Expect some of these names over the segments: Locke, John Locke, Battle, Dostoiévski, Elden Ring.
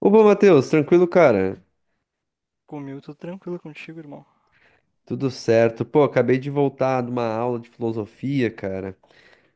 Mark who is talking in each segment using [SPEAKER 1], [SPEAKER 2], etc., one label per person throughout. [SPEAKER 1] Opa, Matheus, tranquilo, cara?
[SPEAKER 2] Comigo, tô tranquilo contigo, irmão.
[SPEAKER 1] Tudo certo. Pô, acabei de voltar de uma aula de filosofia, cara,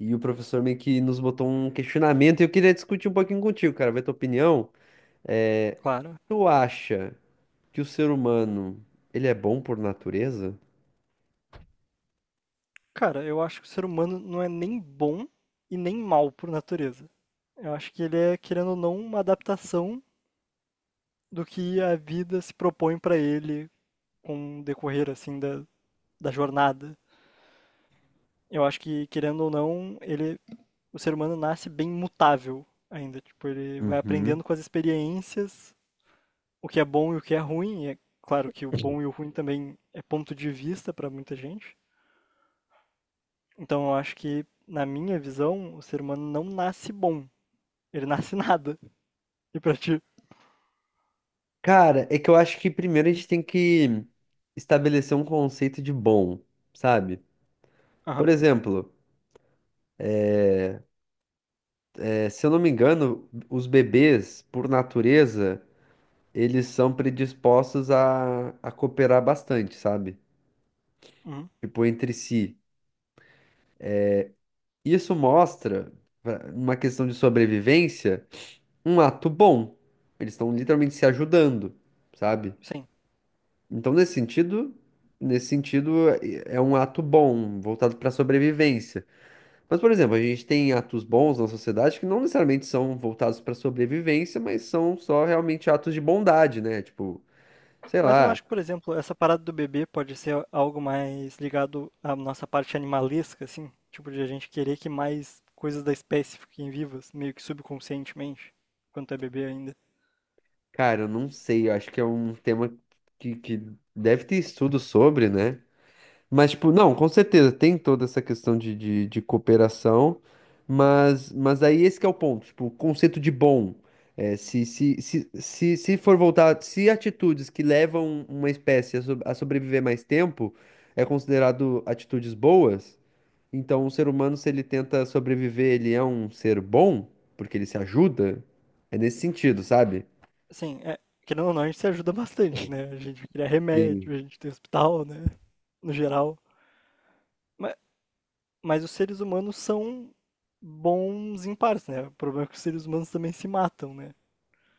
[SPEAKER 1] e o professor meio que nos botou um questionamento e eu queria discutir um pouquinho contigo, cara, ver tua opinião. É,
[SPEAKER 2] Claro.
[SPEAKER 1] tu acha que o ser humano, ele é bom por natureza?
[SPEAKER 2] Cara, eu acho que o ser humano não é nem bom e nem mal por natureza. Eu acho que ele é, querendo ou não, uma adaptação do que a vida se propõe pra ele com o decorrer, assim, da jornada. Eu acho que, querendo ou não, ele, o ser humano nasce bem mutável ainda. Tipo, ele vai aprendendo
[SPEAKER 1] Uhum.
[SPEAKER 2] com as experiências o que é bom e o que é ruim. E é claro que o bom e o ruim também é ponto de vista pra muita gente. Então eu acho que, na minha visão, o ser humano não nasce bom. Ele nasce nada. E pra ti?
[SPEAKER 1] Cara, é que eu acho que primeiro a gente tem que estabelecer um conceito de bom, sabe? Por
[SPEAKER 2] Aham.
[SPEAKER 1] exemplo, se eu não me engano, os bebês, por natureza, eles são predispostos a cooperar bastante, sabe?
[SPEAKER 2] Uhum.
[SPEAKER 1] Tipo, entre si. Isso mostra, numa questão de sobrevivência, um ato bom. Eles estão literalmente se ajudando, sabe?
[SPEAKER 2] Sim.
[SPEAKER 1] Então, nesse sentido, é um ato bom, voltado para sobrevivência. Mas, por exemplo, a gente tem atos bons na sociedade que não necessariamente são voltados para sobrevivência, mas são só realmente atos de bondade, né? Tipo, sei
[SPEAKER 2] Mas eu não
[SPEAKER 1] lá.
[SPEAKER 2] acho que, por exemplo, essa parada do bebê pode ser algo mais ligado à nossa parte animalesca, assim? Tipo, de a gente querer que mais coisas da espécie fiquem vivas, meio que subconscientemente, quando tu é bebê ainda.
[SPEAKER 1] Cara, eu não sei, eu acho que é um tema que deve ter estudo sobre, né? Mas, tipo, não, com certeza, tem toda essa questão de cooperação, mas aí esse que é o ponto, tipo, o conceito de bom. Se for voltar, se atitudes que levam uma espécie a a sobreviver mais tempo é considerado atitudes boas, então o ser humano, se ele tenta sobreviver, ele é um ser bom, porque ele se ajuda, é nesse sentido, sabe?
[SPEAKER 2] Assim, é, querendo ou não, a gente se ajuda bastante, né? A gente cria
[SPEAKER 1] Sim.
[SPEAKER 2] remédio, a gente tem hospital, né? No geral. Mas Mas os seres humanos são bons em partes, né? O problema é que os seres humanos também se matam, né?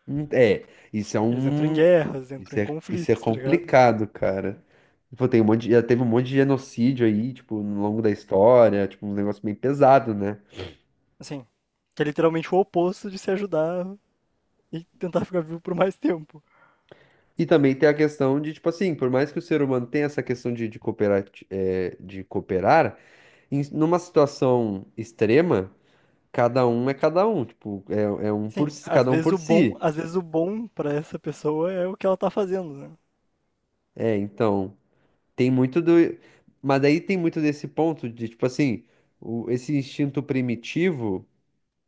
[SPEAKER 1] É, isso é
[SPEAKER 2] Eles entram em
[SPEAKER 1] um.
[SPEAKER 2] guerras, entram em
[SPEAKER 1] Isso é
[SPEAKER 2] conflitos, tá ligado?
[SPEAKER 1] complicado, cara. Tipo, tem um já teve um monte de genocídio aí, tipo, no longo da história, tipo, um negócio bem pesado, né?
[SPEAKER 2] Assim, que é literalmente o oposto de se ajudar e tentar ficar vivo por mais tempo.
[SPEAKER 1] E também tem a questão de, tipo assim, por mais que o ser humano tenha essa questão de, de cooperar, numa situação extrema, cada um é cada um, tipo, é um por
[SPEAKER 2] Sim,
[SPEAKER 1] si,
[SPEAKER 2] às
[SPEAKER 1] cada um
[SPEAKER 2] vezes
[SPEAKER 1] por
[SPEAKER 2] o bom,
[SPEAKER 1] si.
[SPEAKER 2] às vezes o bom para essa pessoa é o que ela tá fazendo, né?
[SPEAKER 1] É, então, tem muito do. Mas aí tem muito desse ponto de, tipo assim, esse instinto primitivo.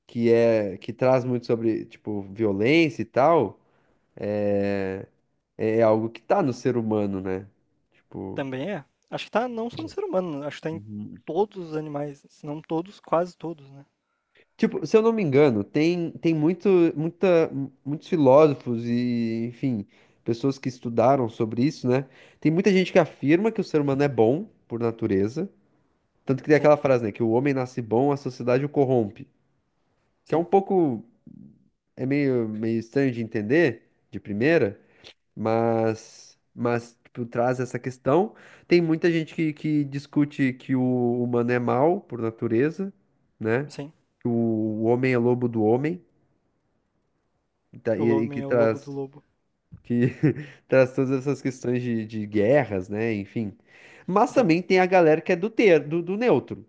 [SPEAKER 1] Que que traz muito sobre, tipo, violência e tal, é, é algo que tá no ser humano, né? Tipo,
[SPEAKER 2] Também é. Acho que tá não só no ser humano, acho que tá em
[SPEAKER 1] uhum,
[SPEAKER 2] todos os animais, se não todos, quase todos, né?
[SPEAKER 1] tipo, se eu não me engano, tem muito, muita, muitos filósofos e, enfim, pessoas que estudaram sobre isso, né? Tem muita gente que afirma que o ser humano é bom por natureza, tanto que tem
[SPEAKER 2] Sim,
[SPEAKER 1] aquela frase, né, que o homem nasce bom, a sociedade o corrompe, que é um
[SPEAKER 2] sim,
[SPEAKER 1] pouco é meio estranho de entender de primeira, mas tipo, traz essa questão. Tem muita gente que discute que o humano é mau por natureza, né?
[SPEAKER 2] sim.
[SPEAKER 1] Que o homem é lobo do homem, e, tá-
[SPEAKER 2] O
[SPEAKER 1] e- e
[SPEAKER 2] homem
[SPEAKER 1] que
[SPEAKER 2] é o lobo do
[SPEAKER 1] traz,
[SPEAKER 2] lobo.
[SPEAKER 1] que traz todas essas questões de guerras, né? Enfim. Mas
[SPEAKER 2] Sim.
[SPEAKER 1] também tem a galera que é do neutro,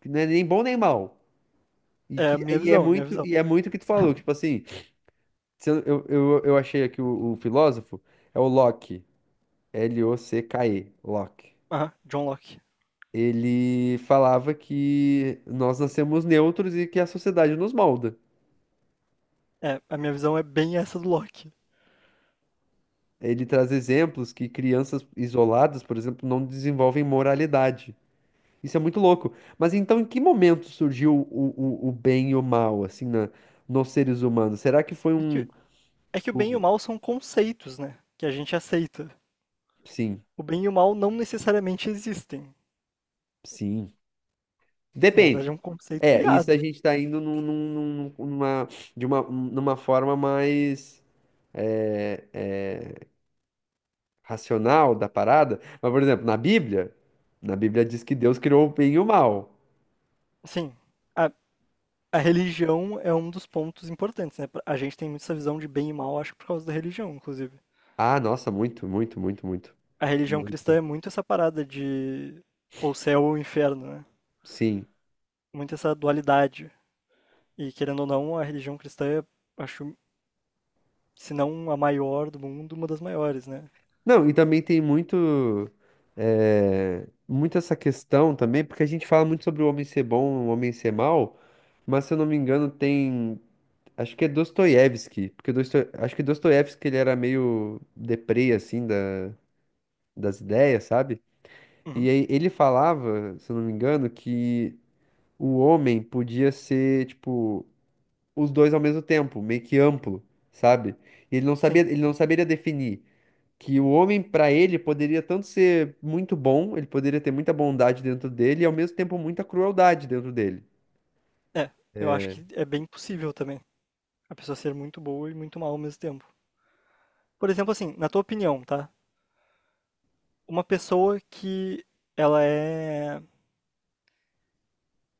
[SPEAKER 1] que não é nem bom nem mal.
[SPEAKER 2] É a minha visão, é a minha visão.
[SPEAKER 1] E é muito o que tu falou, tipo assim, se eu, eu achei aqui o filósofo, é o Locke, Locke, Locke.
[SPEAKER 2] Ah, John Locke.
[SPEAKER 1] Ele falava que nós nascemos neutros e que a sociedade nos molda.
[SPEAKER 2] É, a minha visão é bem essa do Locke.
[SPEAKER 1] Ele traz exemplos que crianças isoladas, por exemplo, não desenvolvem moralidade. Isso é muito louco. Mas então, em que momento surgiu o bem e o mal, assim, nos seres humanos? Será que foi
[SPEAKER 2] É
[SPEAKER 1] um,
[SPEAKER 2] que, é que o bem e o
[SPEAKER 1] tipo,
[SPEAKER 2] mal são conceitos, né? Que a gente aceita.
[SPEAKER 1] sim,
[SPEAKER 2] O bem e o mal não necessariamente existem.
[SPEAKER 1] sim.
[SPEAKER 2] Na verdade, é
[SPEAKER 1] Depende.
[SPEAKER 2] um conceito
[SPEAKER 1] É, isso a
[SPEAKER 2] criado.
[SPEAKER 1] gente tá indo numa forma mais é, é, racional da parada. Mas, por exemplo, na Bíblia diz que Deus criou o bem e o mal.
[SPEAKER 2] Assim, a, a religião é um dos pontos importantes, né? A gente tem muito essa visão de bem e mal, acho que por causa da religião, inclusive.
[SPEAKER 1] Ah, nossa, muito, muito, muito, muito,
[SPEAKER 2] A religião cristã
[SPEAKER 1] muito.
[SPEAKER 2] é muito essa parada de ou céu ou inferno, né?
[SPEAKER 1] Sim.
[SPEAKER 2] Muito essa dualidade. E querendo ou não, a religião cristã é, acho, se não a maior do mundo, uma das maiores, né?
[SPEAKER 1] Não, e também tem muito, muito essa questão também, porque a gente fala muito sobre o homem ser bom, o homem ser mal, mas se eu não me engano tem, acho que é Dostoiévski, porque Dosto... acho que Dostoiévski ele era meio deprê, assim, da... das ideias, sabe? E
[SPEAKER 2] Uhum,
[SPEAKER 1] aí ele falava, se eu não me engano, que o homem podia ser, tipo, os dois ao mesmo tempo, meio que amplo, sabe? E ele não sabia,
[SPEAKER 2] sim.
[SPEAKER 1] ele não saberia definir que o homem, pra ele, poderia tanto ser muito bom, ele poderia ter muita bondade dentro dele e ao mesmo tempo muita crueldade dentro dele.
[SPEAKER 2] É, eu acho que é bem possível também a pessoa ser muito boa e muito mal ao mesmo tempo. Por exemplo, assim, na tua opinião, tá? Uma pessoa que ela é,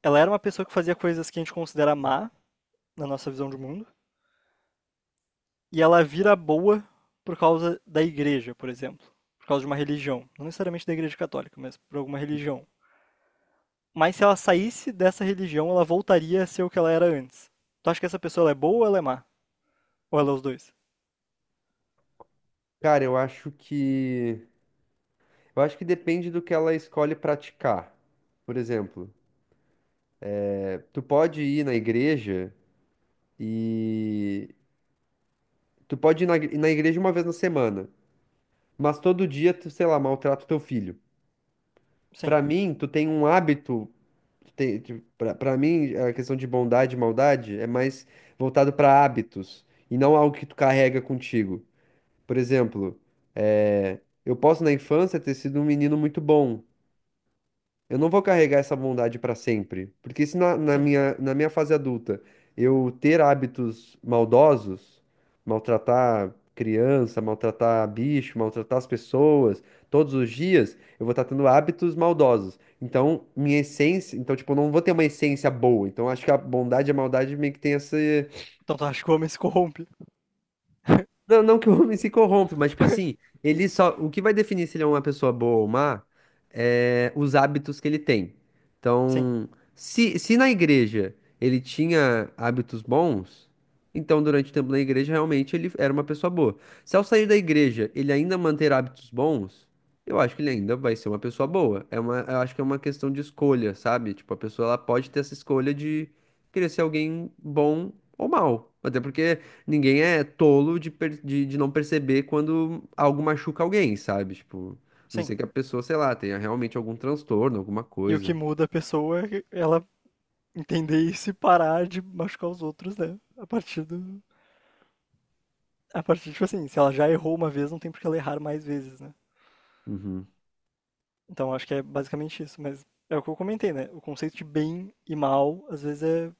[SPEAKER 2] ela era uma pessoa que fazia coisas que a gente considera má na nossa visão de mundo. E ela vira boa por causa da igreja, por exemplo, por causa de uma religião, não necessariamente da igreja católica, mas por alguma religião. Mas se ela saísse dessa religião, ela voltaria a ser o que ela era antes. Tu acha que essa pessoa ela é boa ou ela é má? Ou ela é os dois?
[SPEAKER 1] Cara, eu acho que depende do que ela escolhe praticar. Por exemplo, tu pode ir na igreja e tu pode ir na igreja uma vez na semana, mas todo dia tu, sei lá, maltrata o teu filho.
[SPEAKER 2] Sim,
[SPEAKER 1] Pra mim, tu tem um hábito. Tipo, pra mim, a questão de bondade e maldade é mais voltado pra hábitos e não algo que tu carrega contigo. Por exemplo, eu posso na infância ter sido um menino muito bom. Eu não vou carregar essa bondade para sempre, porque se
[SPEAKER 2] sim.
[SPEAKER 1] na minha fase adulta eu ter hábitos maldosos, maltratar criança, maltratar bicho, maltratar as pessoas, todos os dias, eu vou estar tendo hábitos maldosos. Então, minha essência, então tipo, eu não vou ter uma essência boa. Então, acho que a bondade e a maldade meio que tem essa
[SPEAKER 2] Então tu acha que o homem se corrompe?
[SPEAKER 1] não, não que o homem se corrompe, mas tipo assim, ele só. O que vai definir se ele é uma pessoa boa ou má é os hábitos que ele tem.
[SPEAKER 2] Sim,
[SPEAKER 1] Então, se na igreja ele tinha hábitos bons, então durante o tempo na igreja realmente ele era uma pessoa boa. Se ao sair da igreja ele ainda manter hábitos bons, eu acho que ele ainda vai ser uma pessoa boa. É uma, eu acho que é uma questão de escolha, sabe? Tipo, a pessoa ela pode ter essa escolha de querer ser alguém bom ou mal. Até porque. Ninguém é tolo de não perceber quando algo machuca alguém, sabe? Tipo, a não
[SPEAKER 2] sim.
[SPEAKER 1] sei que a pessoa, sei lá, tenha realmente algum transtorno, alguma
[SPEAKER 2] E o que
[SPEAKER 1] coisa.
[SPEAKER 2] muda a pessoa é ela entender isso e parar de machucar os outros, né? A partir do. A partir, tipo assim, se ela já errou uma vez, não tem por que ela errar mais vezes, né?
[SPEAKER 1] Uhum.
[SPEAKER 2] Então acho que é basicamente isso, mas é o que eu comentei, né? O conceito de bem e mal às vezes é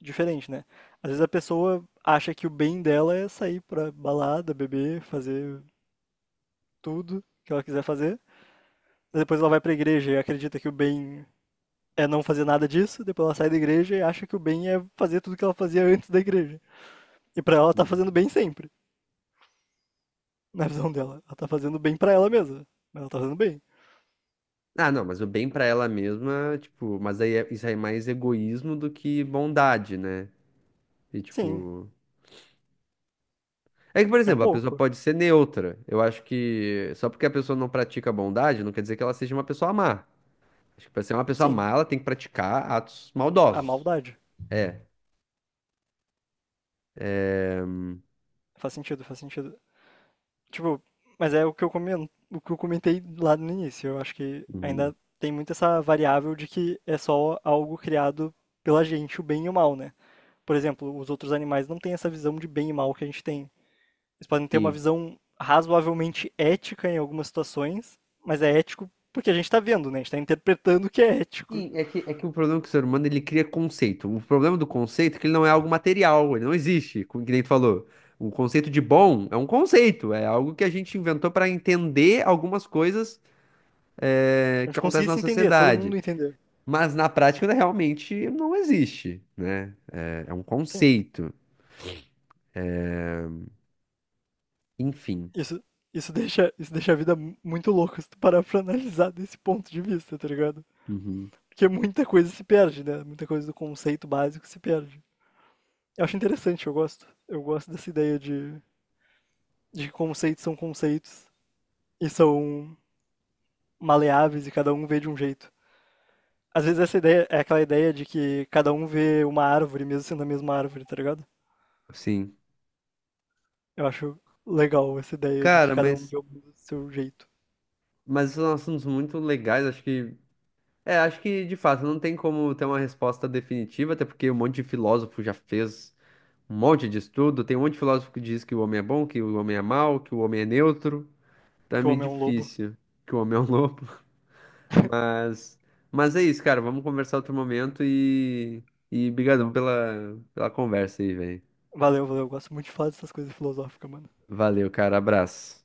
[SPEAKER 2] diferente, né? Às vezes a pessoa acha que o bem dela é sair pra balada, beber, fazer tudo que ela quiser fazer. Depois ela vai pra igreja e acredita que o bem é não fazer nada disso, depois ela sai da igreja e acha que o bem é fazer tudo que ela fazia antes da igreja. E pra ela ela tá fazendo bem sempre, na visão dela. Ela tá fazendo bem pra ela mesma, mas ela tá fazendo bem.
[SPEAKER 1] Ah, não, mas o bem pra ela mesma, tipo, mas aí isso aí é mais egoísmo do que bondade, né? E
[SPEAKER 2] Sim,
[SPEAKER 1] tipo. É que, por
[SPEAKER 2] é um
[SPEAKER 1] exemplo, a pessoa
[SPEAKER 2] pouco.
[SPEAKER 1] pode ser neutra. Eu acho que só porque a pessoa não pratica bondade, não quer dizer que ela seja uma pessoa má. Acho que pra ser uma pessoa
[SPEAKER 2] Sim,
[SPEAKER 1] má, ela tem que praticar atos
[SPEAKER 2] a
[SPEAKER 1] maldosos.
[SPEAKER 2] maldade.
[SPEAKER 1] É. É,
[SPEAKER 2] Faz sentido, faz sentido. Tipo, mas é o que eu comentei lá no início. Eu acho que
[SPEAKER 1] uhum.
[SPEAKER 2] ainda tem muito essa variável de que é só algo criado pela gente, o bem e o mal, né? Por exemplo, os outros animais não têm essa visão de bem e mal que a gente tem. Eles podem ter uma
[SPEAKER 1] Sim.
[SPEAKER 2] visão razoavelmente ética em algumas situações, mas é ético porque a gente tá vendo, né? A gente tá interpretando o que é ético.
[SPEAKER 1] Sim, é que o problema é que o ser humano ele cria conceito. O problema do conceito é que ele não é algo material, ele não existe, como que nem tu falou. O conceito de bom é um conceito, é algo que a gente inventou para entender algumas coisas
[SPEAKER 2] A
[SPEAKER 1] que
[SPEAKER 2] gente conseguir
[SPEAKER 1] acontecem na
[SPEAKER 2] se entender, todo
[SPEAKER 1] sociedade.
[SPEAKER 2] mundo entender.
[SPEAKER 1] Mas na prática né, realmente não existe, né? É, é um
[SPEAKER 2] Sim,
[SPEAKER 1] conceito. Enfim.
[SPEAKER 2] isso, isso deixa a vida muito louca se tu parar pra analisar desse ponto de vista, tá ligado?
[SPEAKER 1] Uhum.
[SPEAKER 2] Porque muita coisa se perde, né? Muita coisa do conceito básico se perde. Eu acho interessante, eu gosto. Eu gosto dessa ideia de que conceitos são conceitos e são maleáveis e cada um vê de um jeito. Às vezes essa ideia é aquela ideia de que cada um vê uma árvore, mesmo sendo a mesma árvore, tá ligado?
[SPEAKER 1] Sim.
[SPEAKER 2] Eu acho legal essa ideia de que
[SPEAKER 1] Cara,
[SPEAKER 2] cada um vê o mundo do seu jeito.
[SPEAKER 1] mas são assuntos muito legais, acho que. É, acho que de fato não tem como ter uma resposta definitiva, até porque um monte de filósofo já fez um monte de estudo. Tem um monte de filósofo que diz que o homem é bom, que o homem é mau, que o homem é neutro. Tá
[SPEAKER 2] Que o
[SPEAKER 1] meio
[SPEAKER 2] homem é um lobo.
[SPEAKER 1] difícil, que o homem é um lobo. Mas, mas é isso, cara. Vamos conversar outro momento e brigadão pela conversa aí, velho.
[SPEAKER 2] Valeu, valeu. Eu gosto muito de falar dessas coisas filosóficas, mano.
[SPEAKER 1] Valeu, cara. Abraço.